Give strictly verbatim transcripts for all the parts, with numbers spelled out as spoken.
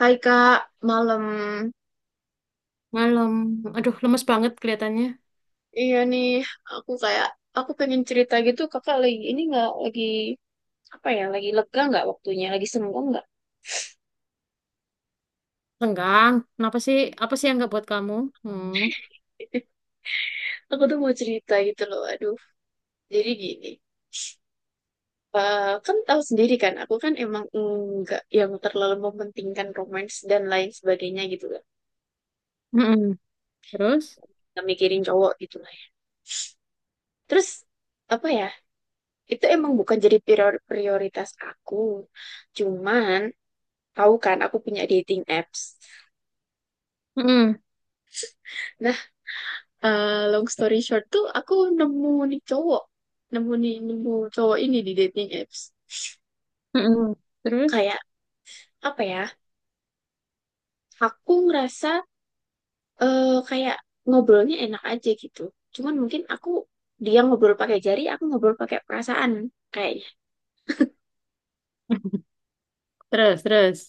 Hai Kak, malam. Malam. Aduh, lemes banget kelihatannya. Iya nih, aku kayak aku pengen cerita gitu. Kakak lagi ini nggak lagi apa ya? Lagi lega nggak waktunya? Lagi senggang nggak? Renggang. Kenapa sih? Apa sih yang nggak buat kamu? Hmm. Aku tuh mau cerita gitu loh. Aduh, jadi gini. Eh, kan tahu sendiri kan, aku kan emang nggak yang terlalu mementingkan romance dan lain sebagainya gitu kan. Mm-mm. Terus? Nggak mikirin cowok gitu lah, ya. Terus apa ya? Itu emang bukan jadi prior- prioritas aku. Cuman tahu kan, aku punya dating apps. Mm-mm. Nah, eh, long story short tuh aku nemu nih cowok nemu nih nemu cowok ini di dating apps. Mm-mm. Terus? Kayak apa ya, aku ngerasa, eh, kayak ngobrolnya enak aja gitu. Cuman mungkin aku, dia ngobrol pakai jari aku ngobrol pakai perasaan kayaknya. Terus, terus.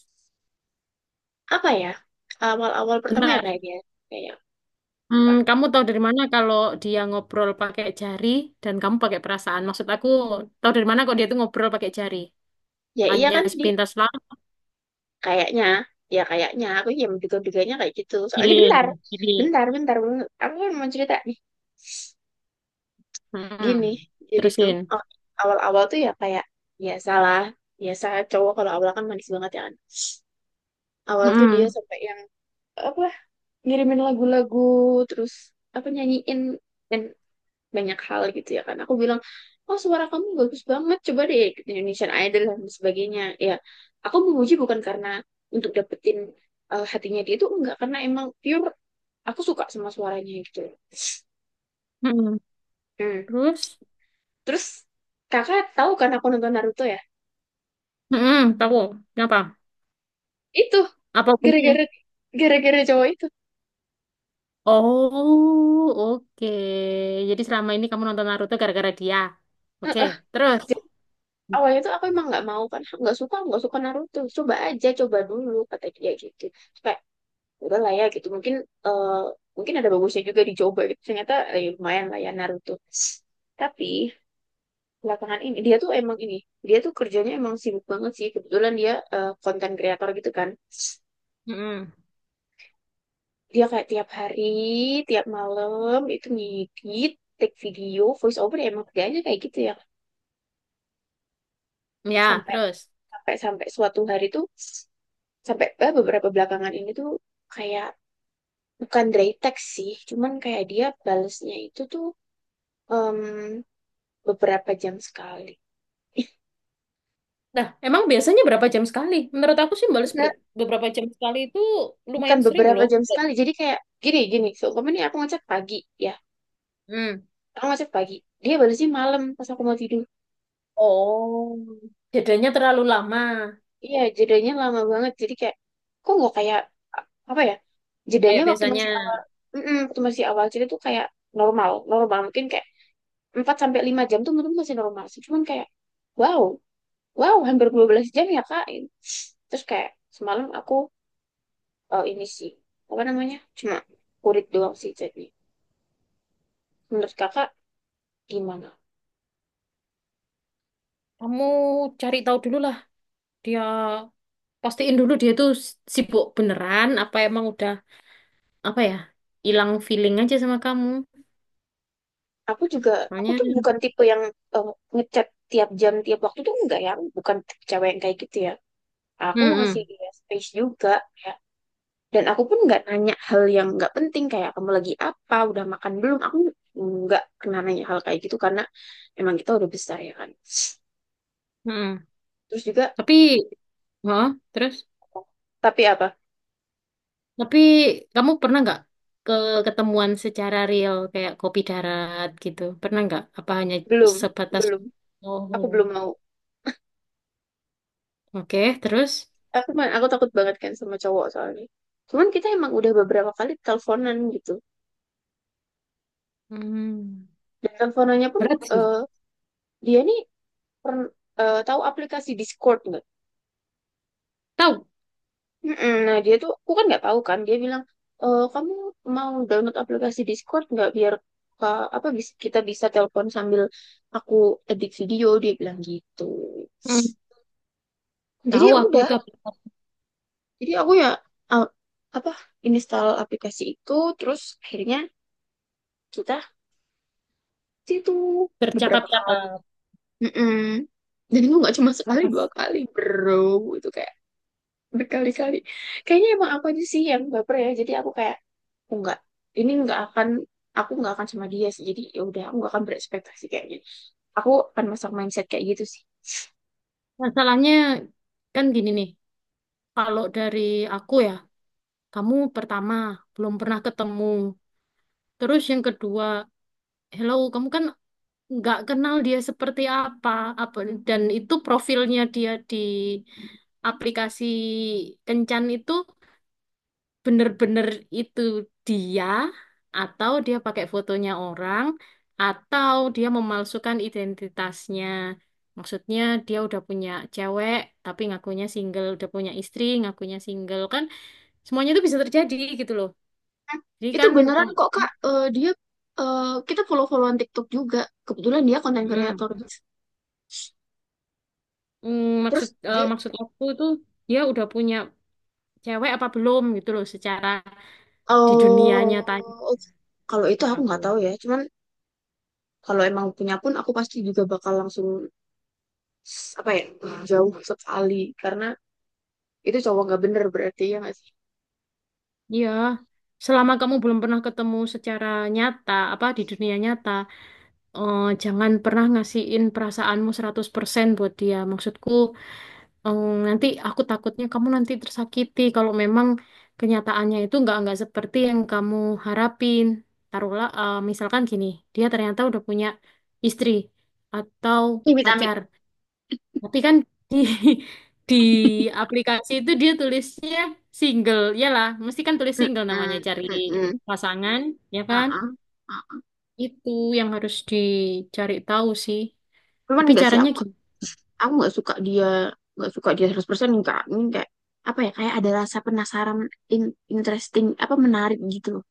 Apa ya, awal-awal pertama ya Bentar. kayaknya. Kayak Hmm, apa kamu tahu dari mana kalau dia ngobrol pakai jari dan kamu pakai perasaan? Maksud aku, tahu dari mana kok dia tuh ngobrol pakai jari? ya, iya Hanya kan di, sepintas lah, kayaknya ya kayaknya aku ya menduga-duganya kayak gitu soalnya bentar feeling, feeling. bentar bentar bentar. Aku kan mau cerita Mm-mm. gini. Jadi tuh Terusin. aw- awal-awal tuh ya kayak biasalah, biasa cowok kalau awal kan manis banget ya kan. Awal tuh dia Mm-mm. sampai yang apa, ngirimin lagu-lagu, terus apa, nyanyiin, dan banyak hal gitu ya kan. Aku bilang, oh suara kamu bagus banget, coba deh ikut Indonesian Idol dan sebagainya ya. Aku memuji bukan karena untuk dapetin, eh, hatinya dia itu. Enggak, karena emang pure aku suka sama suaranya gitu. Mm-mm. Hmm. Terus? Terus kakak tahu kan aku nonton Naruto ya. Mm-mm. Tahu. Kenapa? Itu Apa punya? gara-gara gara-gara cowok itu. Oh, oke. Jadi selama ini kamu nonton Naruto gara-gara dia. Oke, Heeh. terus. Jadi, awalnya tuh aku emang nggak mau kan, nggak suka, nggak suka Naruto. Coba aja, coba dulu kata dia gitu. Terus kayak, udah lah ya gitu mungkin eh, mungkin ada bagusnya juga dicoba gitu. Ternyata eh, ya lumayan lah ya Naruto. Tapi belakangan ini dia tuh emang ini, dia tuh kerjanya emang sibuk banget sih. Kebetulan dia eh, konten kreator gitu kan. Mm-mm. Dia kayak tiap hari, tiap malam itu ngedit, take video, voice over, ya emang kerjanya kayak gitu ya. Ya, Sampai terus. sampai sampai suatu hari tuh, sampai eh, beberapa belakangan ini tuh kayak bukan dry text sih, cuman kayak dia balesnya itu tuh, em, beberapa jam sekali. Nah, emang biasanya berapa jam sekali? Menurut aku sih balas Enggak, ber- beberapa jam sekali itu bukan lumayan sering beberapa loh. jam sekali. Jadi kayak gini, gini seumpama nih, aku ngechat pagi ya, Hmm. aku ngechat pagi dia balesnya malam pas aku mau tidur. Oh, jedanya terlalu lama. Iya jedanya lama banget. Jadi kayak kok nggak kayak apa ya, jedanya Kayak waktu biasanya. masih awal, mm waktu masih awal cerita tuh kayak normal, normal mungkin kayak empat sampai lima jam tuh menurut masih normal sih. Cuman kayak wow, wow hampir dua belas jam ya Kak. Terus kayak semalam aku, eh, ini sih apa namanya, cuma kurit doang sih jadi. Menurut Kakak gimana? Kamu cari tahu dulu lah. Dia pastiin dulu dia tuh sibuk beneran apa emang udah apa ya? Hilang feeling aja sama kamu. Aku juga, aku Soalnya, tuh bukan tipe yang eh, ngechat tiap jam tiap waktu tuh enggak ya. Aku bukan tipe cewek yang kayak gitu ya. Aku ngasih mm dia space juga ya. Dan aku pun nggak nanya hal yang nggak penting kayak kamu lagi apa, udah makan belum. Aku nggak kena nanya hal kayak gitu karena emang kita udah besar ya kan. Mm-mm. Terus juga Tapi, heeh, terus? tapi apa? Tapi kamu pernah nggak ke ketemuan secara real kayak kopi darat gitu? Pernah nggak? Apa hanya Belum, sebatas? belum. Oh, Aku belum mau. oke. Terus? Aku ma- aku takut banget kan sama cowok soalnya. Cuman kita emang udah beberapa kali teleponan gitu. Hmm, Dan teleponannya pun berat sih. eh, dia nih pern- eh, tahu aplikasi Discord nggak? Tahu? Mm-mm. Nah dia tuh, aku kan nggak tahu kan. Dia bilang, "Eh, kamu mau download aplikasi Discord nggak biar Kak, apa bis- kita bisa telepon sambil aku edit video." Dia bilang gitu. Hmm, Jadi tahu ya aku udah, itu apa? jadi aku ya uh, apa, install aplikasi itu, terus akhirnya kita ke situ beberapa kali. Bercakap-cakap. Mm-mm. Dan itu nggak cuma sekali dua Mas, kali, bro. Itu kayak berkali-kali. Kayaknya emang aku aja sih yang baper ya. Jadi aku kayak aku nggak, ini nggak akan, aku nggak akan sama dia sih. Jadi ya udah aku nggak akan berekspektasi kayak gitu, aku akan masang mindset kayak gitu sih. masalahnya kan gini nih. Kalau dari aku ya, kamu pertama belum pernah ketemu. Terus yang kedua, hello, kamu kan nggak kenal dia seperti apa, apa dan itu profilnya dia di aplikasi Kencan itu bener-bener itu dia atau dia pakai fotonya orang atau dia memalsukan identitasnya. Maksudnya dia udah punya cewek tapi ngakunya single, udah punya istri ngakunya single kan semuanya itu bisa terjadi gitu loh. Nah, Jadi itu kan beneran kamu- kok kak. Eh, dia, eh, kita follow-followan TikTok juga, kebetulan dia konten Mm. kreator. Mm, Terus maksud eh, dia, maksud aku itu dia udah punya cewek apa belum gitu loh secara di dunia nyata oh kalau itu gitu aku aku. nggak tahu ya. Cuman kalau emang punya pun aku pasti juga bakal langsung s- apa ya, jauh sekali karena itu cowok nggak bener berarti ya nggak sih. Iya, selama kamu belum pernah ketemu secara nyata, apa di dunia nyata, eh, jangan pernah ngasihin perasaanmu seratus persen buat dia. Maksudku, eh, nanti aku takutnya kamu nanti tersakiti kalau memang kenyataannya itu nggak nggak seperti yang kamu harapin. Taruhlah, eh, misalkan gini, dia ternyata udah punya istri atau Amit amit. pacar. Tapi kan di di aplikasi itu dia tulisnya single. Iyalah, mesti kan tulis single namanya Mm-mm, cari mm-mm, pasangan, ya kan? uh-uh, uh-uh. Itu yang harus dicari tahu sih. Cuman Tapi enggak sih, caranya aku nggak- gimana? aku nggak- suka dia, nggak suka dia seratus persen enggak. Ini kayak apa ya, kayak ada rasa penasaran, in- interesting, apa menarik gitu loh.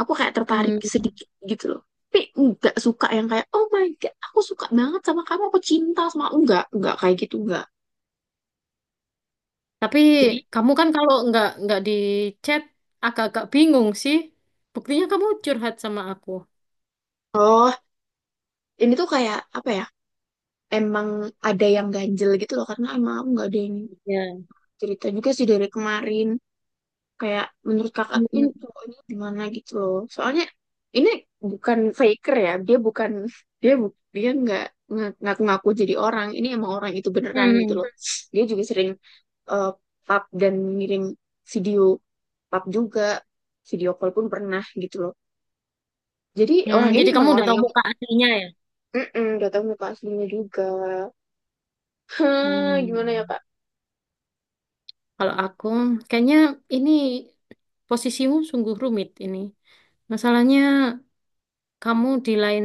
Aku kayak tertarik Hmm, sedikit gitu loh. Tapi enggak suka yang kayak oh my god aku suka banget sama kamu aku cinta sama kamu. enggak enggak kayak gitu, enggak. tapi Jadi kamu kan kalau nggak nggak di chat agak-agak bingung sih. Buktinya kamu curhat sama aku. oh ini tuh kayak apa ya, emang ada yang ganjel gitu loh karena emang aku nggak ada yang Ya. cerita juga sih dari kemarin. Kayak menurut kakak ini Kamu- cowok gimana gitu loh. Soalnya ini bukan faker ya. Dia bukan, dia bu- dia nggak nggak ngaku-ngaku jadi orang. Ini emang orang itu beneran gitu loh. Hmm. Dia juga sering eh, pap dan ngirim video pap juga. Video call pun pernah gitu loh. Jadi Hmm, orang ini jadi kamu emang udah orang tahu yang, muka aslinya ya? mm udah tahu muka aslinya juga. Hah, Hmm. gimana ya Kak? Kalau aku, kayaknya ini posisimu sungguh rumit ini. Masalahnya kamu di lain,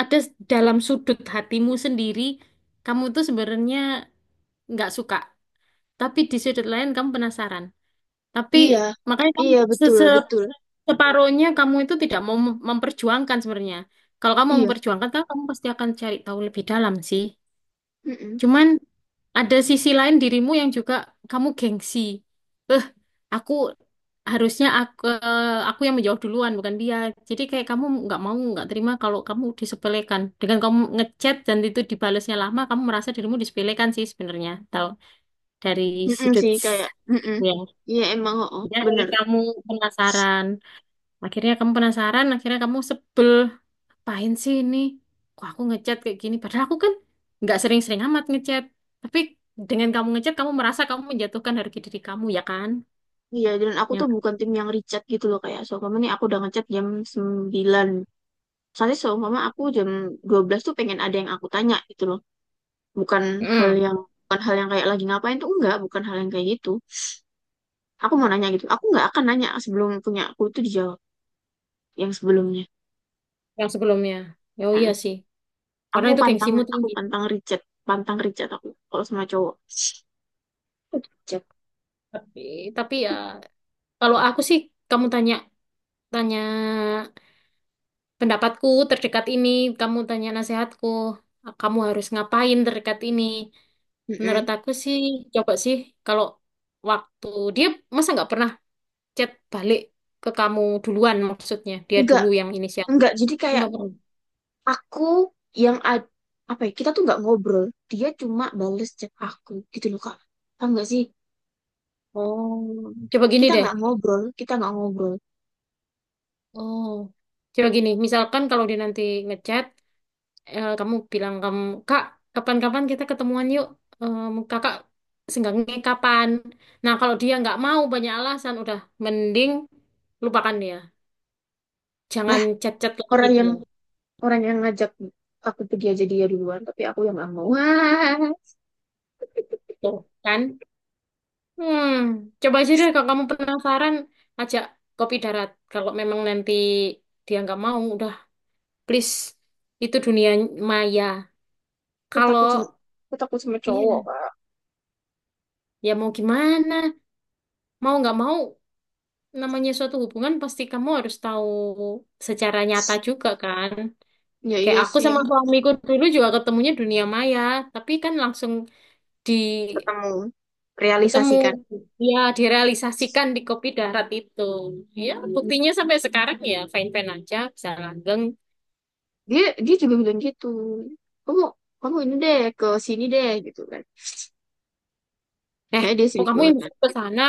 ada dalam sudut hatimu sendiri, kamu tuh sebenarnya nggak suka. Tapi di sudut lain kamu penasaran. Tapi Iya, makanya kamu iya se- betul se- betul. separohnya kamu itu tidak mau mem- memperjuangkan sebenarnya. Kalau kamu Iya. memperjuangkan, kan kamu pasti akan cari tahu lebih dalam sih. Mm-mm. Cuman ada sisi lain dirimu yang juga kamu gengsi. Aku harusnya aku aku yang menjawab duluan bukan dia. Jadi kayak kamu nggak mau nggak terima kalau kamu disepelekan. Dengan kamu ngechat dan itu dibalasnya lama, kamu merasa dirimu disepelekan sih sebenarnya. Tahu dari Mm-mm sudut sih kayak mm-mm. itu ya. Iya emang, oh, Jadi akhirnya bener. kamu penasaran. Akhirnya kamu penasaran, akhirnya kamu sebel. Pahin sih ini? Kok aku ngechat kayak gini? Padahal aku kan nggak sering-sering amat ngechat. Tapi dengan kamu ngechat, kamu merasa kamu menjatuhkan harga diri kamu ya kan? Iya dan aku tuh bukan tim yang richat gitu loh. Kayak seumpama nih aku udah ngechat jam sembilan, soalnya seumpama aku jam dua belas tuh pengen ada yang aku tanya gitu loh. Bukan hal Ya. yang, bukan hal yang kayak lagi ngapain tuh enggak, bukan hal yang kayak gitu. Aku mau nanya gitu. Aku nggak akan nanya sebelum punya aku itu dijawab yang sebelumnya. Yang sebelumnya. Ya, oh iya Heeh. sih, karena Aku itu pantang, gengsimu aku tinggi. pantang richat. Pantang richat aku kalau sama cowok. Richat. Tapi, tapi ya, kalau aku sih, kamu tanya, tanya pendapatku terdekat ini, kamu tanya nasihatku, kamu harus ngapain terdekat ini. Menurut Mm-mm. aku sih, coba sih, kalau waktu dia masa nggak pernah chat balik ke kamu duluan maksudnya, dia enggak dulu yang inisiatif. enggak jadi kayak Nggak pernah. aku yang ad- apa ya, kita tuh nggak ngobrol, dia cuma bales chat aku gitu loh kak. Tahu nggak sih, Oh, coba gini kita deh. nggak ngobrol, kita nggak ngobrol. Oh, coba gini. Misalkan kalau dia nanti ngechat, eh, kamu bilang kamu kak, kapan-kapan kita ketemuan yuk. Em, kakak senggangnya kapan? Nah kalau dia nggak mau banyak alasan udah, mending lupakan dia, jangan Nah chat-chat lagi orang yang dia. orang yang ngajak aku pergi aja dia duluan tapi aku yang nggak mau. Wah, Tuh kan. Hmm, coba aja deh kalau kamu penasaran, ajak kopi darat. Kalau memang nanti dia nggak mau udah, please, itu dunia maya. aku takut Kalau sama aku takut sama cowok iya, kak. ya mau gimana, mau nggak mau namanya suatu hubungan pasti kamu harus tahu secara nyata juga kan. Ya Kayak iya aku sih. sama suamiku dulu juga ketemunya dunia maya, tapi kan langsung di Ketemu, ketemu realisasikan. ya direalisasikan di kopi darat itu. Ya, buktinya sampai sekarang ya fine-fine aja, bisa langgeng. Dia dia juga bilang gitu, kamu kamu ini deh ke sini deh gitu kan. Eh, Saya, dia kok sibuk kamu yang banget. bisa ke sana?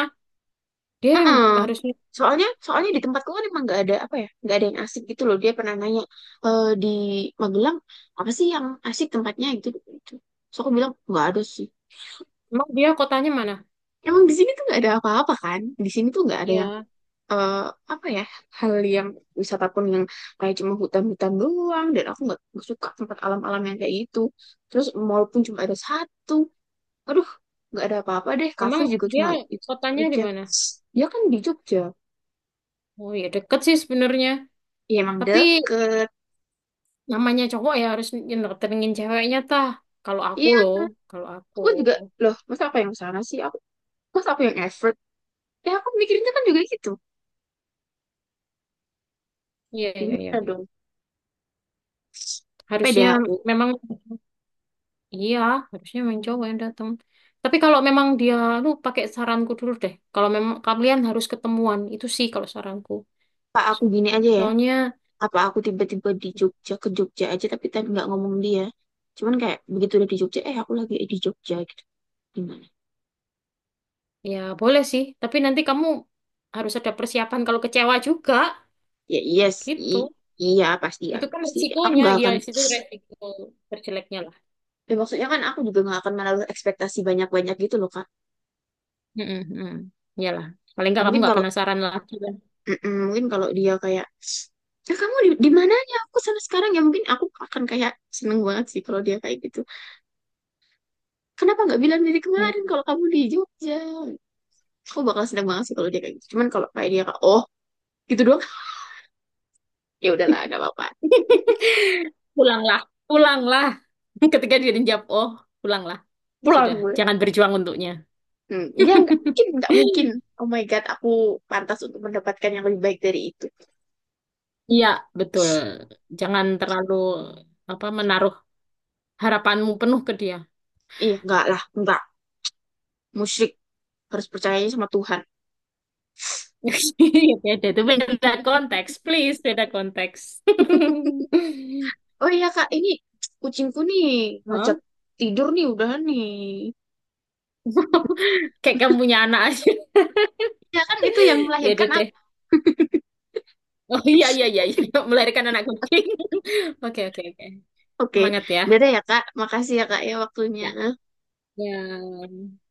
Dia yang Mm-mm. harusnya. Soalnya, soalnya di tempatku kan emang nggak ada apa ya, nggak ada yang asik gitu loh. Dia pernah nanya, e, di Magelang apa sih yang asik tempatnya gitu. Gitu. So aku bilang nggak ada sih. Emang dia kotanya mana? Emang di sini tuh nggak ada apa-apa kan? Di sini tuh nggak ada yang Ya, eh, apa ya, hal yang wisata pun yang kayak cuma hutan-hutan doang. Dan aku nggak nggak suka tempat alam-alam yang kayak gitu. Terus mall pun cuma ada satu. Aduh, nggak ada apa-apa deh. Kafe emang juga dia cuma itu kotanya di aja. mana? Dia kan di Jogja. Oh ya deket sih sebenarnya. Ya emang Tapi deket. namanya cowok ya harus ngedatengin ceweknya tah. Kalau aku Iya, loh, kalau aku. aku juga loh. Masa aku yang sana sih? Aku, masa aku yang effort? Ya aku mikirnya kan juga gitu. Iya, iya, iya. Gimana dong? Pede Harusnya aku. memang, iya, harusnya memang cowok yang datang. Tapi kalau memang dia, lu pakai saranku dulu deh. Kalau memang kalian harus ketemuan, itu sih kalau saranku. Apa aku gini aja ya? Soalnya, Apa aku tiba-tiba di Jogja, ke Jogja aja tapi tadi nggak ngomong dia. Cuman kayak begitu udah di Jogja, eh aku lagi di Jogja gitu. Gimana? ya boleh sih. Tapi nanti kamu harus ada persiapan kalau kecewa juga, Ya iya sih. gitu. Iya pasti ya Itu kan pasti. Aku resikonya, nggak iya, akan. itu resiko terjeleknya lah. Ya, maksudnya kan aku juga nggak akan menaruh ekspektasi banyak-banyak gitu loh Kak. Mm-mm, mm. Iyalah. Paling nggak kamu Mungkin nggak kalau penasaran lagi lah. Mm-mm, mungkin kalau dia kayak, ya kamu di, di mananya aku sana sekarang ya mungkin aku akan kayak seneng banget sih kalau dia kayak gitu. Kenapa nggak bilang dari Iya. kemarin kalau kamu di Jogja, aku bakal seneng banget sih kalau dia kayak gitu. Cuman kalau kayak dia kayak, oh gitu doang. Ya udahlah nggak apa-apa. Pulanglah, pulanglah. Ketika dia dijawab, oh, pulanglah. Pulang Sudah, gue. jangan berjuang untuknya. Hmm, dia nggak mungkin, nggak mungkin, oh my god aku pantas untuk mendapatkan yang lebih baik dari itu. Iya, betul. Jangan terlalu apa menaruh harapanmu penuh ke dia. Iya nggak lah, nggak musyrik, harus percayanya sama Tuhan. Beda, itu beda konteks, please, beda konteks. Oh iya Kak, ini kucingku nih Hah? ngajak tidur nih udah nih. Kayak kamu punya anak aja. Ya kan itu yang Ya udah melahirkan deh. aku. Oh iya iya iya, iya. Melahirkan anak kucing. Oke oke oke. Oke, Semangat ya. dadah ya Kak. Makasih ya Kak ya waktunya. Ya. Ya.